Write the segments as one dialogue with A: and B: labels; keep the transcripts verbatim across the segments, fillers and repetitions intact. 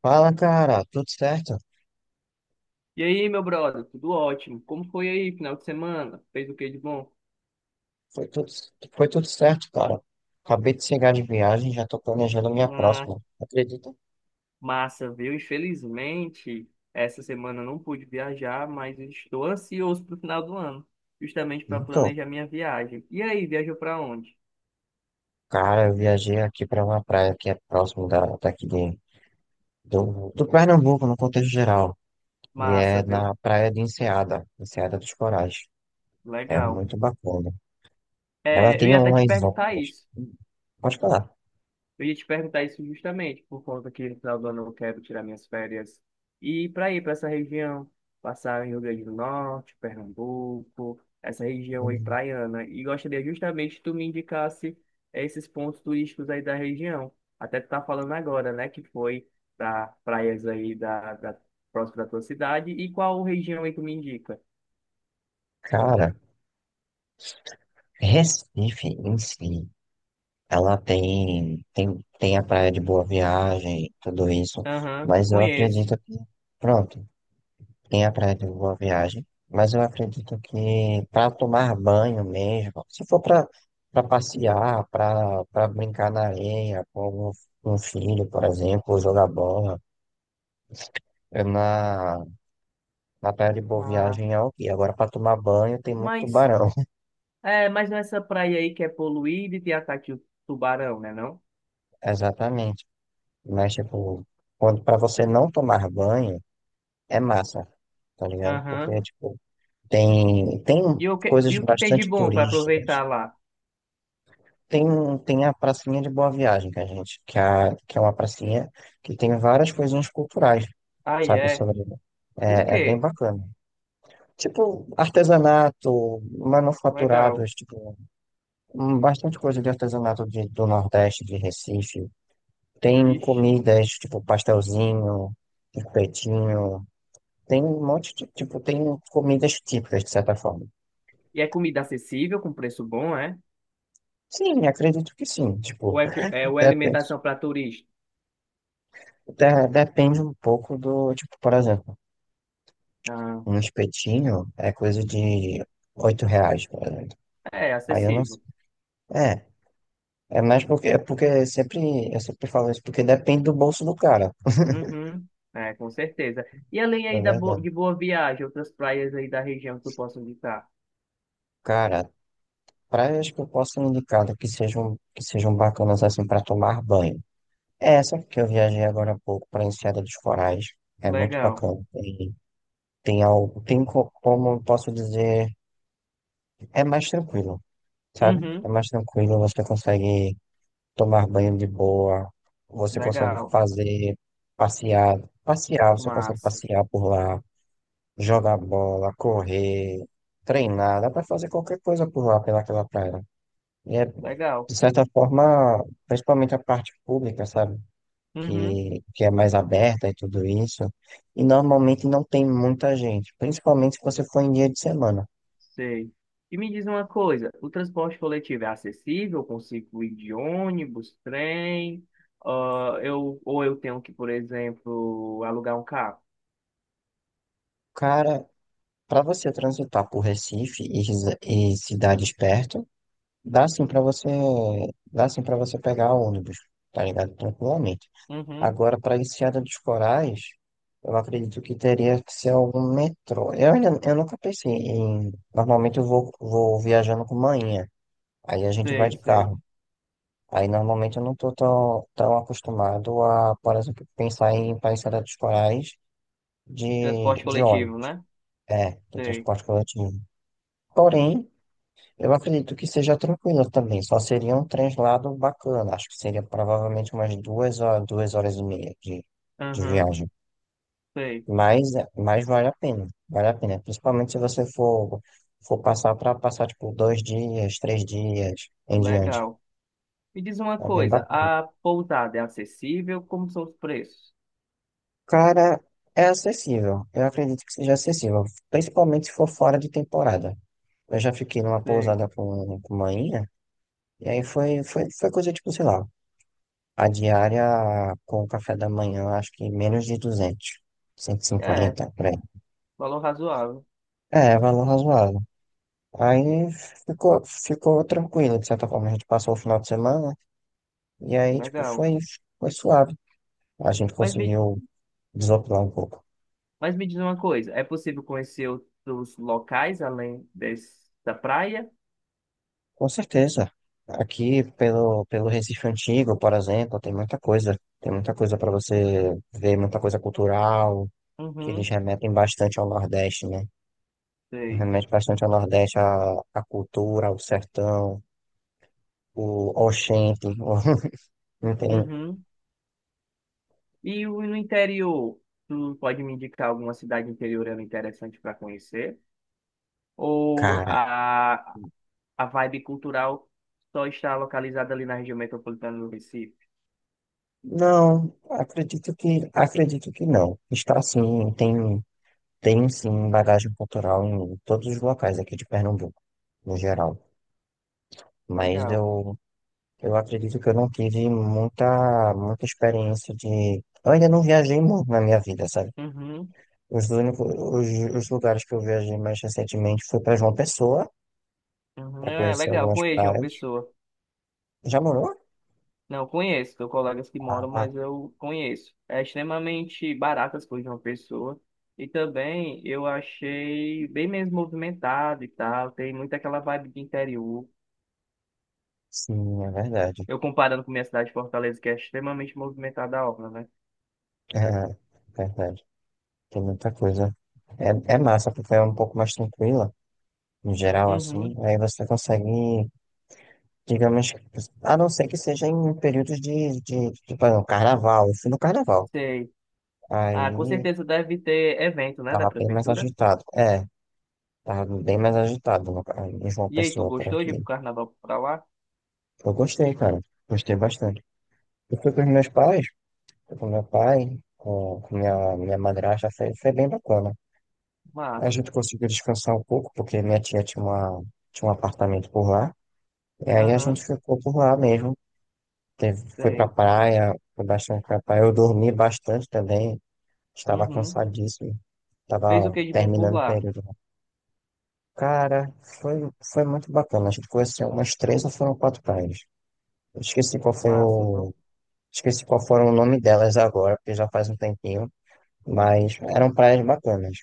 A: Fala, cara, tudo certo?
B: E aí, meu brother, tudo ótimo? Como foi aí, final de semana? Fez o que de bom?
A: Foi tudo, foi tudo certo, cara. Acabei de chegar de viagem, já tô planejando minha
B: Ah,
A: próxima. Acredita?
B: massa, viu? Infelizmente, essa semana eu não pude viajar, mas estou ansioso para o final do ano, justamente para
A: Então,
B: planejar minha viagem. E aí, viajou para onde?
A: cara, eu viajei aqui para uma praia que é próximo da, daqui de, do, do Pernambuco, no contexto geral. E
B: Massa,
A: é
B: viu?
A: na praia de Enseada, Enseada dos Corais. É
B: Legal.
A: muito bacana. Ela
B: É, eu
A: tem
B: ia até te
A: umas
B: perguntar
A: ondas.
B: isso.
A: Hum, Pode falar.
B: Eu ia te perguntar isso justamente, por conta que no final do ano eu quero tirar minhas férias e ir para ir para essa região, passar em Rio Grande do Norte, Pernambuco, essa região aí
A: Hum,
B: praiana. E gostaria justamente que tu me indicasse esses pontos turísticos aí da região. Até tu tá falando agora, né, que foi para praias aí da, da próxima da tua cidade. E qual região aí tu me indica?
A: Cara, Recife em si. Ela tem, tem, tem a praia de Boa Viagem, tudo isso,
B: Aham, eu
A: mas eu
B: conheço.
A: acredito que, pronto, tem a praia de Boa Viagem, mas eu acredito que para tomar banho mesmo, se for para para passear, para para brincar na areia com um, um filho, por exemplo, ou jogar bola, é na, na praia de Boa
B: Ah,
A: Viagem é ok. Agora, para tomar banho, tem muito
B: mas,
A: tubarão,
B: é, mas nessa praia aí que é poluída e tem ataque de tubarão, né, não?
A: exatamente. Mas, tipo, quando para você não tomar banho, é massa, tá ligado? Porque,
B: Aham.
A: tipo, tem, tem
B: E o que, e
A: coisas
B: o que tem de
A: bastante
B: bom para
A: turísticas.
B: aproveitar lá?
A: Tem, tem a pracinha de Boa Viagem que a gente, que, é a, que é uma pracinha que tem várias coisinhas culturais,
B: Ah,
A: sabe?
B: é.
A: Sobre,
B: O
A: é, é bem
B: quê?
A: bacana. Tipo, artesanato,
B: Legal.
A: manufaturados, tipo, hum, bastante coisa de artesanato de- do Nordeste, de Recife. Tem
B: Ixi.
A: comidas, tipo, pastelzinho, espetinho. Tem um monte de, tipo, tem comidas típicas, de certa forma.
B: E é comida acessível, com preço bom, é?
A: Sim, acredito que sim.
B: Ou
A: Tipo,
B: é, co- é, ou é
A: depende,
B: alimentação para turista?
A: de- depende um pouco do, tipo, por exemplo,
B: Ah,
A: um espetinho é coisa de oito reais, por exemplo.
B: é
A: Aí eu não sei.
B: acessível.
A: É, é mais porque, é porque sempre, eu sempre falo isso, porque depende do bolso do cara,
B: Uhum. É, com certeza. E além
A: é
B: aí da bo
A: verdade.
B: de Boa Viagem, outras praias aí da região que tu possa visitar?
A: Cara, praias que eu posso indicar que sejam, que sejam bacanas assim para tomar banho. É essa que eu viajei agora há pouco para Enseada dos Corais, é muito
B: Legal.
A: bacana. Tem, tem algo, tem co- como eu posso dizer, é mais tranquilo. Sabe? É
B: Uhum.
A: mais tranquilo, você consegue tomar banho de boa, você consegue
B: Legal.
A: fazer passear, passear, você consegue
B: Massa.
A: passear por lá, jogar bola, correr, treinar, dá pra fazer qualquer coisa por lá, pelaquela praia. E é,
B: Legal.
A: de certa forma, principalmente a parte pública, sabe?
B: Uhum.
A: Que, que é mais aberta e tudo isso. E normalmente não tem muita gente, principalmente se você for em dia de semana.
B: Sei. E me diz uma coisa, o transporte coletivo é acessível? Eu consigo ir de ônibus, trem? ah, eu, ou eu tenho que, por exemplo, alugar um carro?
A: Cara, para você transitar por Recife e, resi- e cidades perto, dá sim para você, dá sim para você pegar ônibus, tá ligado? Tranquilamente.
B: Uhum,
A: Agora, para Enseada dos Corais, eu acredito que teria que ser algum metrô. Eu ainda, eu nunca pensei em. Normalmente eu vou, vou viajando com manhã, aí a gente vai
B: sei,
A: de
B: sei.
A: carro. Aí normalmente eu não tô tão, tão acostumado a, por exemplo, pensar em para Enseada dos Corais
B: De
A: de,
B: transporte
A: de
B: coletivo,
A: ônibus.
B: né?
A: É, de
B: Sei.
A: transporte coletivo. Porém, eu acredito que seja tranquila também, só seria um translado bacana. Acho que seria provavelmente umas duas horas, duas horas e meia de, de
B: Uhum,
A: viagem.
B: sei.
A: Mas, mas vale a pena, vale a pena. Principalmente se você for, for passar para passar tipo dois dias, três dias em diante.
B: Legal. Me diz uma
A: É bem
B: coisa,
A: bacana.
B: a pousada é acessível? Como são os preços?
A: Cara, é acessível. Eu acredito que seja acessível, principalmente se for fora de temporada. Eu já fiquei numa
B: Sei.
A: pousada com, com uma inha, e aí foi, foi, foi coisa tipo, sei lá. A diária com o café da manhã, acho que menos de duzentos cento e
B: É,
A: cinquenta por aí.
B: valor razoável.
A: É, valor razoável. Aí ficou, ficou tranquilo, de certa forma. A gente passou o final de semana e aí, tipo,
B: Legal.
A: foi, foi suave. A gente
B: Mas me,
A: conseguiu desopilar um pouco.
B: Mas me diz uma coisa, é possível conhecer outros locais além dessa praia?
A: Com certeza. Aqui, pelo, pelo Recife Antigo, por exemplo, tem muita coisa. Tem muita coisa para você ver, muita coisa cultural, que eles
B: Uhum,
A: remetem bastante ao Nordeste, né?
B: sei.
A: Remete bastante ao Nordeste, a, a cultura, o sertão, o Oxente, não tem,
B: Uhum. E o- no interior, tu pode me indicar alguma cidade interiorana interessante para conhecer? Ou
A: cara,
B: a, a vibe cultural só está localizada ali na região metropolitana do Recife?
A: não, acredito que, acredito que não, está sim, tem, tem sim bagagem cultural em todos os locais aqui de Pernambuco, no geral, mas
B: Legal.
A: eu, eu acredito que eu não tive muita, muita experiência de, eu ainda não viajei muito na minha vida, sabe?
B: Uhum,
A: Os únicos, os, os lugares que eu viajei mais recentemente foi para João Pessoa,
B: uhum.
A: para
B: É
A: conhecer
B: legal,
A: algumas
B: conheço uma
A: praias.
B: pessoa.
A: Já morou?
B: Não conheço, tenho colegas que moram,
A: Ah,
B: mas eu conheço. É extremamente barato as coisas de uma pessoa. E também eu achei bem menos movimentado e tal. Tem muito aquela vibe de interior.
A: sim, é verdade.
B: Eu comparando com minha cidade, Fortaleza, que é extremamente movimentada a obra, né?
A: É, verdade. Tem muita coisa. É, é massa, porque é um pouco mais tranquila, no geral, assim.
B: Uhum,
A: Aí você consegue, digamos, a não ser que seja em períodos de, de, tipo, ah, não, carnaval. Eu fui no carnaval.
B: sei. Ah, com
A: Aí
B: certeza deve ter evento, né, da
A: tava bem mais
B: prefeitura.
A: agitado. É, tava bem mais agitado no, ca- em João
B: E aí, tu
A: Pessoa por
B: gostou de ir pro
A: aqui.
B: carnaval pra lá?
A: Eu gostei, cara. Gostei bastante. Eu fui com os meus pais, fui com meu pai, com, com minha, minha madrasta, foi, foi bem bacana. A
B: Massa.
A: gente conseguiu descansar um pouco, porque minha tia tinha uma, tinha um apartamento por lá. E aí a gente
B: Aham,
A: ficou por lá mesmo. Teve, foi pra
B: sei.
A: praia, foi bastante pra praia. Eu dormi bastante também. Estava
B: Uhum.
A: cansadíssimo.
B: Fez o
A: Estava
B: que de bom por
A: terminando o
B: lá?
A: período. Cara, foi, foi muito bacana. A gente conheceu umas três ou foram quatro praias. Eu esqueci qual foi
B: Massa, viu?
A: o. Esqueci qual foram o nome delas agora, porque já faz um tempinho. Mas eram praias bacanas.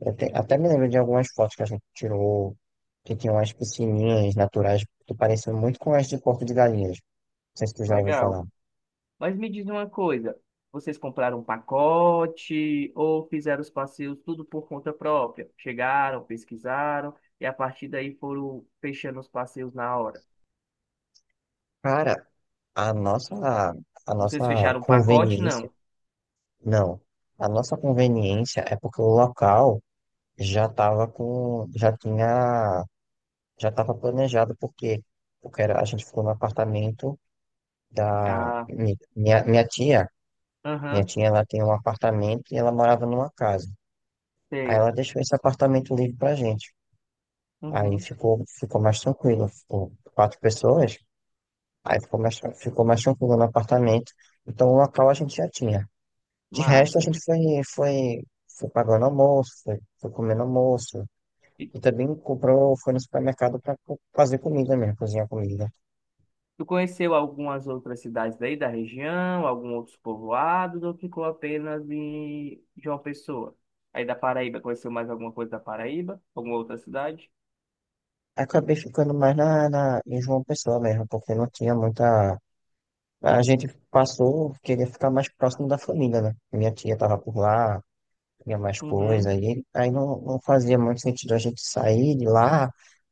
A: Eu te- até me lembro de algumas fotos que a gente tirou, que tinham umas piscininhas naturais que pareciam muito com as de Porto de Galinhas. Não sei se tu já ouviu
B: Legal.
A: falar.
B: Mas me diz uma coisa, vocês compraram um pacote ou fizeram os passeios tudo por conta própria? Chegaram, pesquisaram e a partir daí foram fechando os passeios na hora.
A: Cara, a nossa, a nossa
B: Vocês fecharam um pacote?
A: conveniência,
B: Não.
A: não, a nossa conveniência é porque o local já estava com, já tinha, já estava planejado, porque, porque era- a gente ficou no apartamento da
B: Ah,
A: mi- minha, minha tia. Minha
B: aham,
A: tia ela tem um apartamento e ela morava numa casa. Aí
B: sei.
A: ela deixou esse apartamento livre pra gente. Aí
B: Uhum,
A: ficou, ficou mais tranquilo. Ficou quatro pessoas, aí ficou mais, tran- ficou mais tranquilo no apartamento. Então o local a gente já tinha. De resto, a
B: massa.
A: gente foi, foi, foi pagando almoço, foi, foi comendo almoço.
B: E
A: E também comprou, foi no supermercado para fazer comida mesmo, cozinhar comida.
B: tu conheceu algumas outras cidades daí da região, algum outros povoados ou ficou apenas em João Pessoa? Aí da Paraíba, conheceu mais alguma coisa da Paraíba? Alguma outra cidade?
A: Acabei ficando mais na, na, em João Pessoa mesmo, porque não tinha muita. A gente passou, queria ficar mais próximo da família, né? Minha tia estava por lá, tinha mais coisa,
B: Uhum.
A: aí, aí não, não fazia muito sentido a gente sair de lá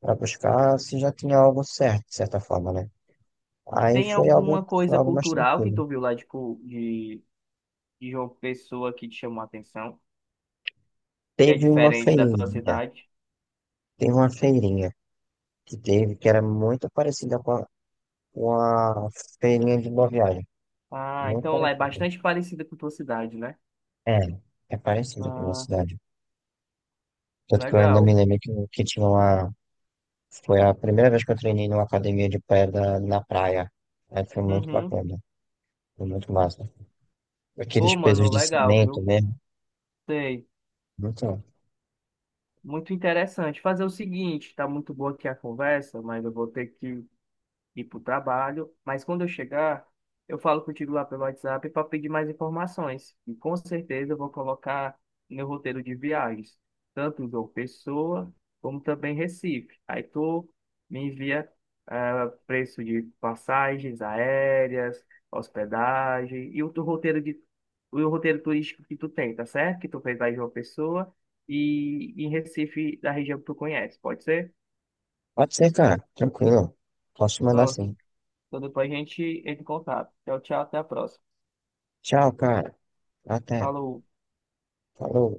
A: para buscar se já tinha algo certo, de certa forma, né? Aí
B: Tem
A: foi algo,
B: alguma
A: foi
B: coisa
A: algo mais
B: cultural que
A: tranquilo.
B: tu viu lá, tipo, de, de João Pessoa que te chamou a atenção, que é
A: Teve uma
B: diferente da tua
A: feirinha,
B: cidade?
A: teve uma feirinha que teve, que era muito parecida com a, com a, feirinha de Boa Viagem,
B: Ah,
A: muito
B: então lá é
A: parecida.
B: bastante parecida com a tua cidade, né?
A: É, é parecida com a minha
B: Ah,
A: cidade. Tanto que eu ainda me
B: legal.
A: lembro que, que tinha uma, foi a primeira vez que eu treinei numa academia de pedra na praia, aí foi muito
B: Uhum.
A: bacana, foi muito massa. Aqueles
B: Pô,
A: pesos
B: mano,
A: de
B: legal,
A: cimento
B: viu?
A: mesmo.
B: Sei.
A: Então,
B: Muito interessante. Fazer o seguinte, tá muito boa aqui a conversa, mas eu vou ter que ir para o trabalho, mas quando eu chegar, eu falo contigo lá pelo WhatsApp para pedir mais informações. E com certeza eu vou colocar meu roteiro de viagens, tanto João Pessoa, como também Recife. Aí tu me envia ah, preço de passagens aéreas, hospedagem e o teu roteiro de o roteiro turístico que tu tem, tá certo? Que tu fez lá em João Pessoa e em Recife, da região que tu conhece, pode ser?
A: pode ser, cara. Tranquilo. Posso mandar
B: Não.
A: sim.
B: Então depois a gente entra em contato. Tchau, tchau, até a próxima.
A: Tchau, cara. Até.
B: Falou.
A: Falou.